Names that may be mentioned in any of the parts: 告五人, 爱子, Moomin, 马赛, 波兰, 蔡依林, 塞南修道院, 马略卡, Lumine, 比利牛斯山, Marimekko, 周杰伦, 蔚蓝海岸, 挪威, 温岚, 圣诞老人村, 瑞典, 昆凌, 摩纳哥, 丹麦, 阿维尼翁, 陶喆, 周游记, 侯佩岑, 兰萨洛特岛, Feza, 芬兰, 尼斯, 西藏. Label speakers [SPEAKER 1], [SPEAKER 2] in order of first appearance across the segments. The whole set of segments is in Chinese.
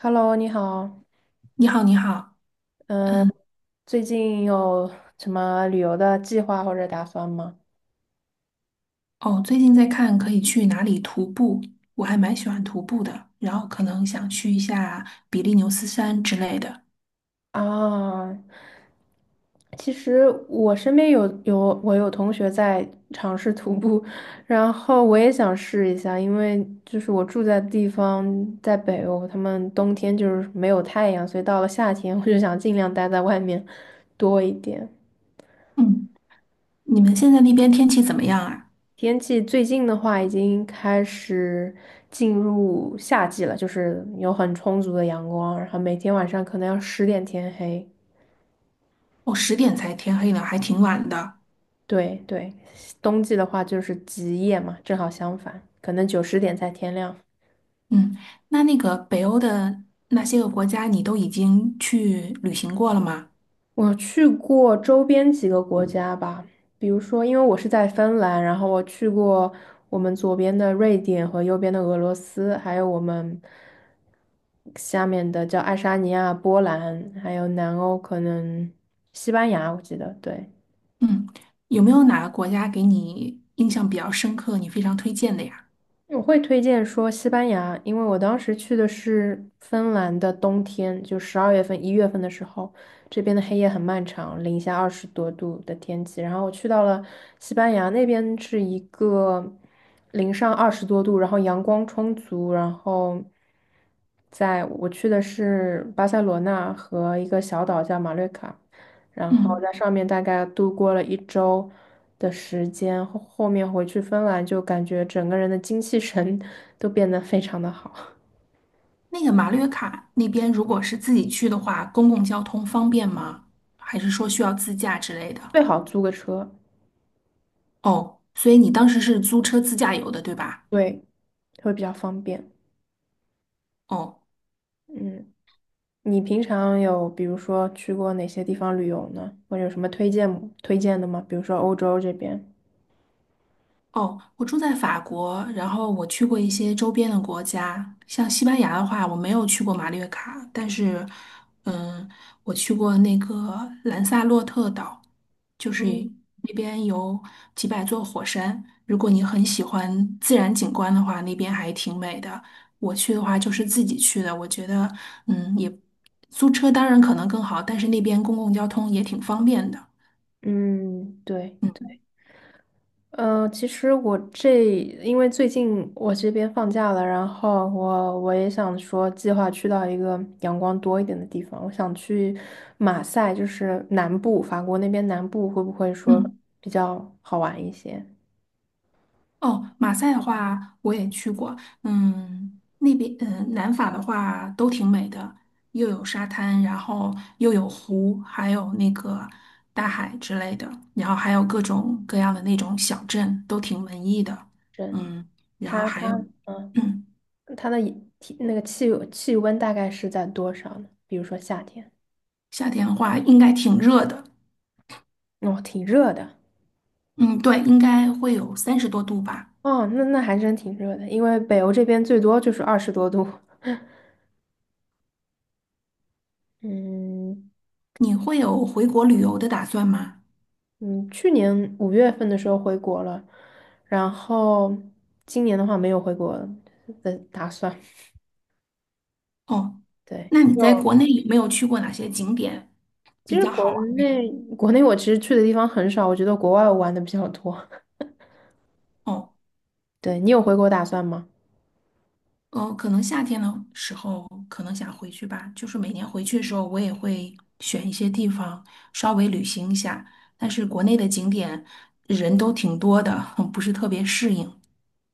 [SPEAKER 1] Hello，你好，
[SPEAKER 2] 你好，你好，
[SPEAKER 1] 嗯，
[SPEAKER 2] 嗯，
[SPEAKER 1] 最近有什么旅游的计划或者打算吗？
[SPEAKER 2] 哦，最近在看可以去哪里徒步，我还蛮喜欢徒步的，然后可能想去一下比利牛斯山之类的。
[SPEAKER 1] 啊，其实我身边我有同学在尝试徒步，然后我也想试一下，因为就是我住在的地方在北欧，他们冬天就是没有太阳，所以到了夏天我就想尽量待在外面多一点。
[SPEAKER 2] 嗯，你们现在那边天气怎么样啊？
[SPEAKER 1] 天气最近的话，已经开始进入夏季了，就是有很充足的阳光，然后每天晚上可能要十点天黑。
[SPEAKER 2] 哦，10点才天黑呢，还挺晚的。
[SPEAKER 1] 对对，冬季的话就是极夜嘛，正好相反，可能九十点才天亮。
[SPEAKER 2] 嗯，那个北欧的那些个国家，你都已经去旅行过了吗？
[SPEAKER 1] 我去过周边几个国家吧，比如说，因为我是在芬兰，然后我去过我们左边的瑞典和右边的俄罗斯，还有我们下面的叫爱沙尼亚、波兰，还有南欧可能西班牙，我记得，对。
[SPEAKER 2] 嗯，有没有哪个国家给你印象比较深刻，你非常推荐的呀？
[SPEAKER 1] 我会推荐说西班牙，因为我当时去的是芬兰的冬天，就十二月份、一月份的时候，这边的黑夜很漫长，零下二十多度的天气。然后我去到了西班牙那边，是一个零上二十多度，然后阳光充足，然后在我去的是巴塞罗那和一个小岛叫马略卡。然后
[SPEAKER 2] 嗯。
[SPEAKER 1] 在上面大概度过了一周的时间，后面回去芬兰就感觉整个人的精气神 都变得非常的好，
[SPEAKER 2] 那个马略卡那边，如果是自己去的话，公共交通方便吗？还是说需要自驾之类的？
[SPEAKER 1] 最好租个车，
[SPEAKER 2] 哦，所以你当时是租车自驾游的，对吧？
[SPEAKER 1] 对，会比较方便。
[SPEAKER 2] 哦，
[SPEAKER 1] 嗯，你平常有比如说去过哪些地方旅游呢？或者有什么推荐推荐的吗？比如说欧洲这边。
[SPEAKER 2] 哦，我住在法国，然后我去过一些周边的国家，像西班牙的话，我没有去过马略卡，但是，嗯，我去过那个兰萨洛特岛，就是
[SPEAKER 1] 嗯
[SPEAKER 2] 那边有几百座火山，如果你很喜欢自然景观的话，那边还挺美的。我去的话就是自己去的，我觉得，嗯，也租车当然可能更好，但是那边公共交通也挺方便的。
[SPEAKER 1] 嗯，对。
[SPEAKER 2] 嗯
[SPEAKER 1] 嗯，其实因为最近我这边放假了，然后我也想说计划去到一个阳光多一点的地方，我想去马赛，就是南部，法国那边南部会不会说
[SPEAKER 2] 嗯。
[SPEAKER 1] 比较好玩一些？
[SPEAKER 2] 哦，马赛的话我也去过，嗯，那边南法的话都挺美的，又有沙滩，然后又有湖，还有那个大海之类的，然后还有各种各样的那种小镇，都挺文艺的，
[SPEAKER 1] 对，
[SPEAKER 2] 嗯，然后
[SPEAKER 1] 它
[SPEAKER 2] 还有，
[SPEAKER 1] 它嗯，
[SPEAKER 2] 嗯，
[SPEAKER 1] 它的体那个气气温大概是在多少呢？比如说夏天，
[SPEAKER 2] 夏天的话应该挺热的，
[SPEAKER 1] 哦，挺热的，
[SPEAKER 2] 嗯，对，应该会有30多度吧。
[SPEAKER 1] 哦，那那还真挺热的，因为北欧这边最多就是二十多度，嗯。
[SPEAKER 2] 你会有回国旅游的打算吗？
[SPEAKER 1] 嗯，去年五月份的时候回国了，然后今年的话没有回国的打算。
[SPEAKER 2] 哦，
[SPEAKER 1] 对，
[SPEAKER 2] 那你在
[SPEAKER 1] 就
[SPEAKER 2] 国内有没有去过哪些景点
[SPEAKER 1] 其
[SPEAKER 2] 比
[SPEAKER 1] 实
[SPEAKER 2] 较好玩的呀？
[SPEAKER 1] 内国内我其实去的地方很少，我觉得国外我玩的比较多。
[SPEAKER 2] 哦，
[SPEAKER 1] 对，你有回国打算吗？
[SPEAKER 2] 可能夏天的时候可能想回去吧，就是每年回去的时候，我也会选一些地方稍微旅行一下，但是国内的景点人都挺多的，不是特别适应。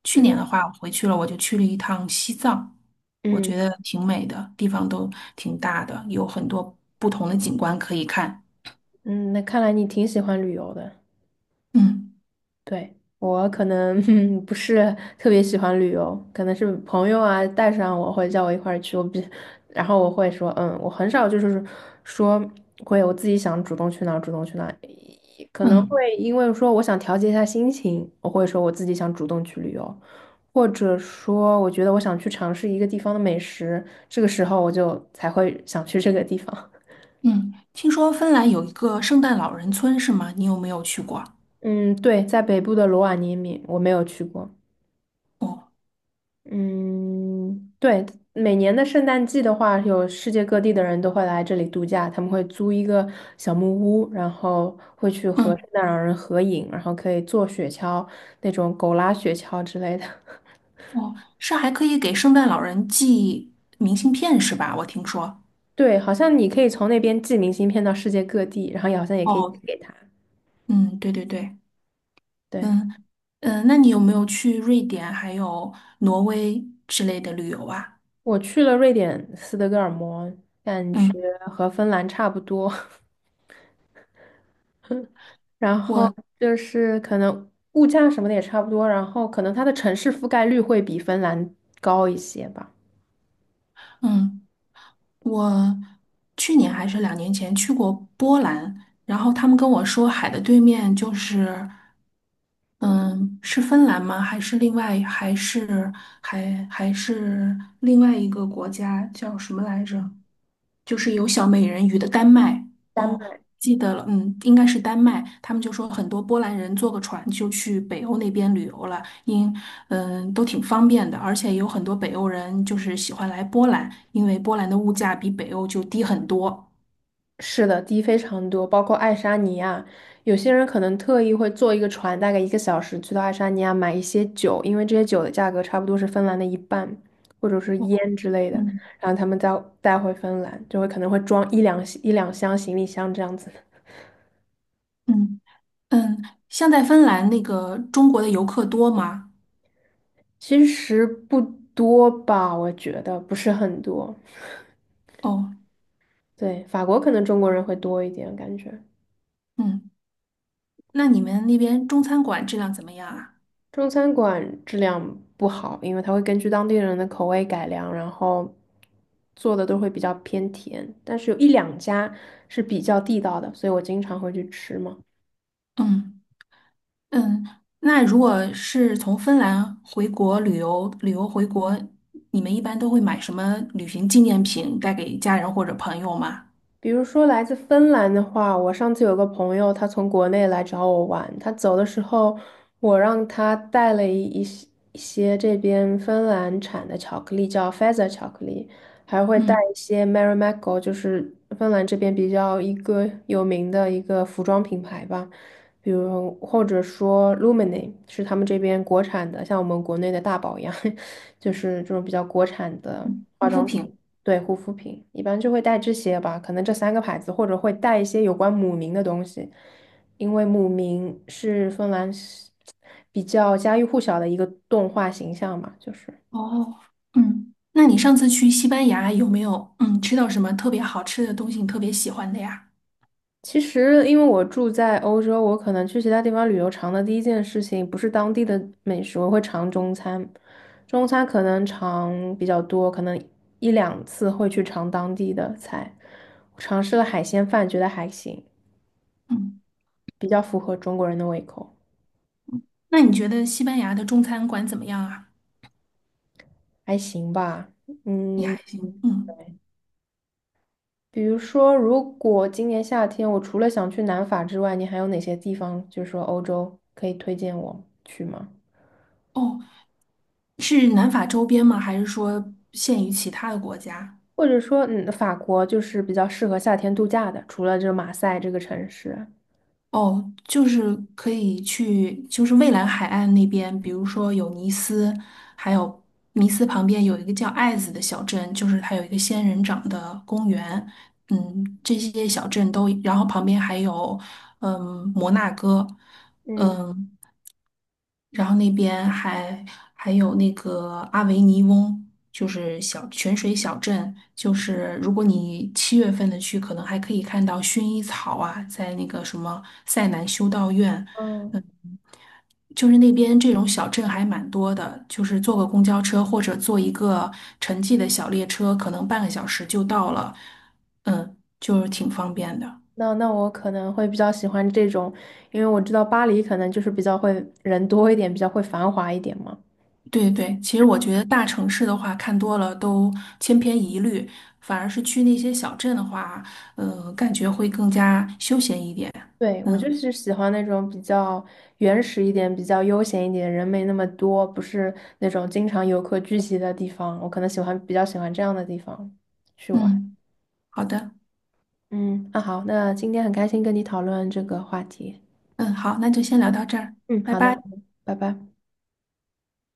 [SPEAKER 2] 去年
[SPEAKER 1] 嗯
[SPEAKER 2] 的话，我回去了，我就去了一趟西藏，我
[SPEAKER 1] 嗯
[SPEAKER 2] 觉得挺美的，地方都挺大的，有很多不同的景观可以看。
[SPEAKER 1] 嗯，那看来你挺喜欢旅游的。
[SPEAKER 2] 嗯
[SPEAKER 1] 对，我可能 不是特别喜欢旅游，可能是朋友啊带上我会叫我一块儿去，我比，然后我会说嗯，我很少就是说会我自己想主动去哪儿主动去哪儿，可能
[SPEAKER 2] 嗯
[SPEAKER 1] 会因为说我想调节一下心情，我会说我自己想主动去旅游，或者说我觉得我想去尝试一个地方的美食，这个时候我就才会想去这个地方。
[SPEAKER 2] 嗯，听说芬兰有一个圣诞老人村是吗？你有没有去过？
[SPEAKER 1] 嗯，对，在北部的罗瓦涅米我没有去过。
[SPEAKER 2] 哦。
[SPEAKER 1] 嗯，对，每年的圣诞季的话，有世界各地的人都会来这里度假，他们会租一个小木屋，然后会去和
[SPEAKER 2] 嗯。
[SPEAKER 1] 圣诞老人合影，然后可以坐雪橇，那种狗拉雪橇之类的。
[SPEAKER 2] 哦，是还可以给圣诞老人寄明信片是吧？我听说。
[SPEAKER 1] 对，好像你可以从那边寄明信片到世界各地，然后也好像也可以寄
[SPEAKER 2] 哦，
[SPEAKER 1] 给他。
[SPEAKER 2] 嗯，对对对，
[SPEAKER 1] 对，
[SPEAKER 2] 嗯嗯，那你有没有去瑞典还有挪威之类的旅游啊？
[SPEAKER 1] 我去了瑞典斯德哥尔摩，感觉
[SPEAKER 2] 嗯，
[SPEAKER 1] 和芬兰差不多，然后
[SPEAKER 2] 我
[SPEAKER 1] 就是可能物价什么的也差不多，然后可能它的城市覆盖率会比芬兰高一些吧。
[SPEAKER 2] 嗯我去年还是2年前去过波兰，然后他们跟我说海的对面就是嗯是芬兰吗？还是另外还是还还是另外一个国家叫什么来着？就是有小美人鱼的丹麦。哦，记得了，嗯，应该是丹麦。他们就说很多波兰人坐个船就去北欧那边旅游了，都挺方便的，而且有很多北欧人就是喜欢来波兰，因为波兰的物价比北欧就低很多。
[SPEAKER 1] 是的，低非常多，包括爱沙尼亚，有些人可能特意会坐一个船，大概一个小时去到爱沙尼亚买一些酒，因为这些酒的价格差不多是芬兰的一半，或者是烟之类的，
[SPEAKER 2] 嗯
[SPEAKER 1] 然后他们再带回芬兰，就会可能会装一两箱行李箱这样子。
[SPEAKER 2] 嗯嗯，像在芬兰那个中国的游客多吗？
[SPEAKER 1] 其实不多吧，我觉得不是很多。
[SPEAKER 2] 哦，
[SPEAKER 1] 对，法国可能中国人会多一点，感觉。
[SPEAKER 2] 嗯，那你们那边中餐馆质量怎么样啊？
[SPEAKER 1] 中餐馆质量不好，因为它会根据当地人的口味改良，然后做的都会比较偏甜，但是有一两家是比较地道的，所以我经常会去吃嘛。
[SPEAKER 2] 嗯。嗯，那如果是从芬兰回国旅游，旅游回国，你们一般都会买什么旅行纪念品带给家人或者朋友吗？
[SPEAKER 1] 比如说来自芬兰的话，我上次有个朋友，他从国内来找我玩，他走的时候，我让他带了一些这边芬兰产的巧克力，叫 Feza 巧克力，还会带
[SPEAKER 2] 嗯，
[SPEAKER 1] 一些 Marimekko，就是芬兰这边比较一个有名的一个服装品牌吧，比如或者说 Lumine 是他们这边国产的，像我们国内的大宝一样，就是这种比较国产的化
[SPEAKER 2] 护肤
[SPEAKER 1] 妆
[SPEAKER 2] 品。
[SPEAKER 1] 品。对，护肤品一般就会带这些吧，可能这三个牌子，或者会带一些有关姆明的东西，因为姆明是芬兰是比较家喻户晓的一个动画形象嘛，就是。
[SPEAKER 2] 哦，嗯，那你上次去西班牙有没有吃到什么特别好吃的东西，你特别喜欢的呀？
[SPEAKER 1] 其实，因为我住在欧洲，我可能去其他地方旅游，尝的第一件事情不是当地的美食，我会尝中餐。中餐可能尝比较多，可能一两次会去尝当地的菜。我尝试了海鲜饭，觉得还行，
[SPEAKER 2] 嗯，
[SPEAKER 1] 比较符合中国人的胃口。
[SPEAKER 2] 那你觉得西班牙的中餐馆怎么样啊？
[SPEAKER 1] 还行吧，
[SPEAKER 2] 也
[SPEAKER 1] 嗯，
[SPEAKER 2] 还行。嗯，
[SPEAKER 1] 对。比如说，如果今年夏天我除了想去南法之外，你还有哪些地方，就是说欧洲可以推荐我去吗？
[SPEAKER 2] 哦，是南法周边吗？还是说限于其他的国家？
[SPEAKER 1] 或者说，嗯，法国就是比较适合夏天度假的，除了这马赛这个城市。
[SPEAKER 2] 哦，就是可以去，就是蔚蓝海岸那边，比如说有尼斯，还有尼斯旁边有一个叫爱子的小镇，就是它有一个仙人掌的公园，嗯，这些小镇都，然后旁边还有，嗯，摩纳哥，
[SPEAKER 1] 嗯
[SPEAKER 2] 嗯。然后那边还有那个阿维尼翁，就是小泉水小镇，就是如果你7月份的去，可能还可以看到薰衣草啊，在那个什么塞南修道院，嗯，
[SPEAKER 1] 嗯，
[SPEAKER 2] 就是那边这种小镇还蛮多的，就是坐个公交车或者坐一个城际的小列车，可能半个小时就到了，嗯，就是挺方便的。
[SPEAKER 1] 那那我可能会比较喜欢这种，因为我知道巴黎可能就是比较会人多一点，比较会繁华一点嘛。
[SPEAKER 2] 对对，其实我觉得大城市的话看多了都千篇一律，反而是去那些小镇的话，呃，感觉会更加休闲一点。
[SPEAKER 1] 对，我就
[SPEAKER 2] 嗯
[SPEAKER 1] 是喜欢那种比较原始一点、比较悠闲一点、人没那么多，不是那种经常游客聚集的地方。我可能喜欢比较喜欢这样的地方去玩。
[SPEAKER 2] 嗯，好的，
[SPEAKER 1] 嗯，那好，那今天很开心跟你讨论这个话题。
[SPEAKER 2] 嗯好，那就先聊到这儿，
[SPEAKER 1] 嗯，
[SPEAKER 2] 拜
[SPEAKER 1] 好的，好
[SPEAKER 2] 拜。
[SPEAKER 1] 的拜拜。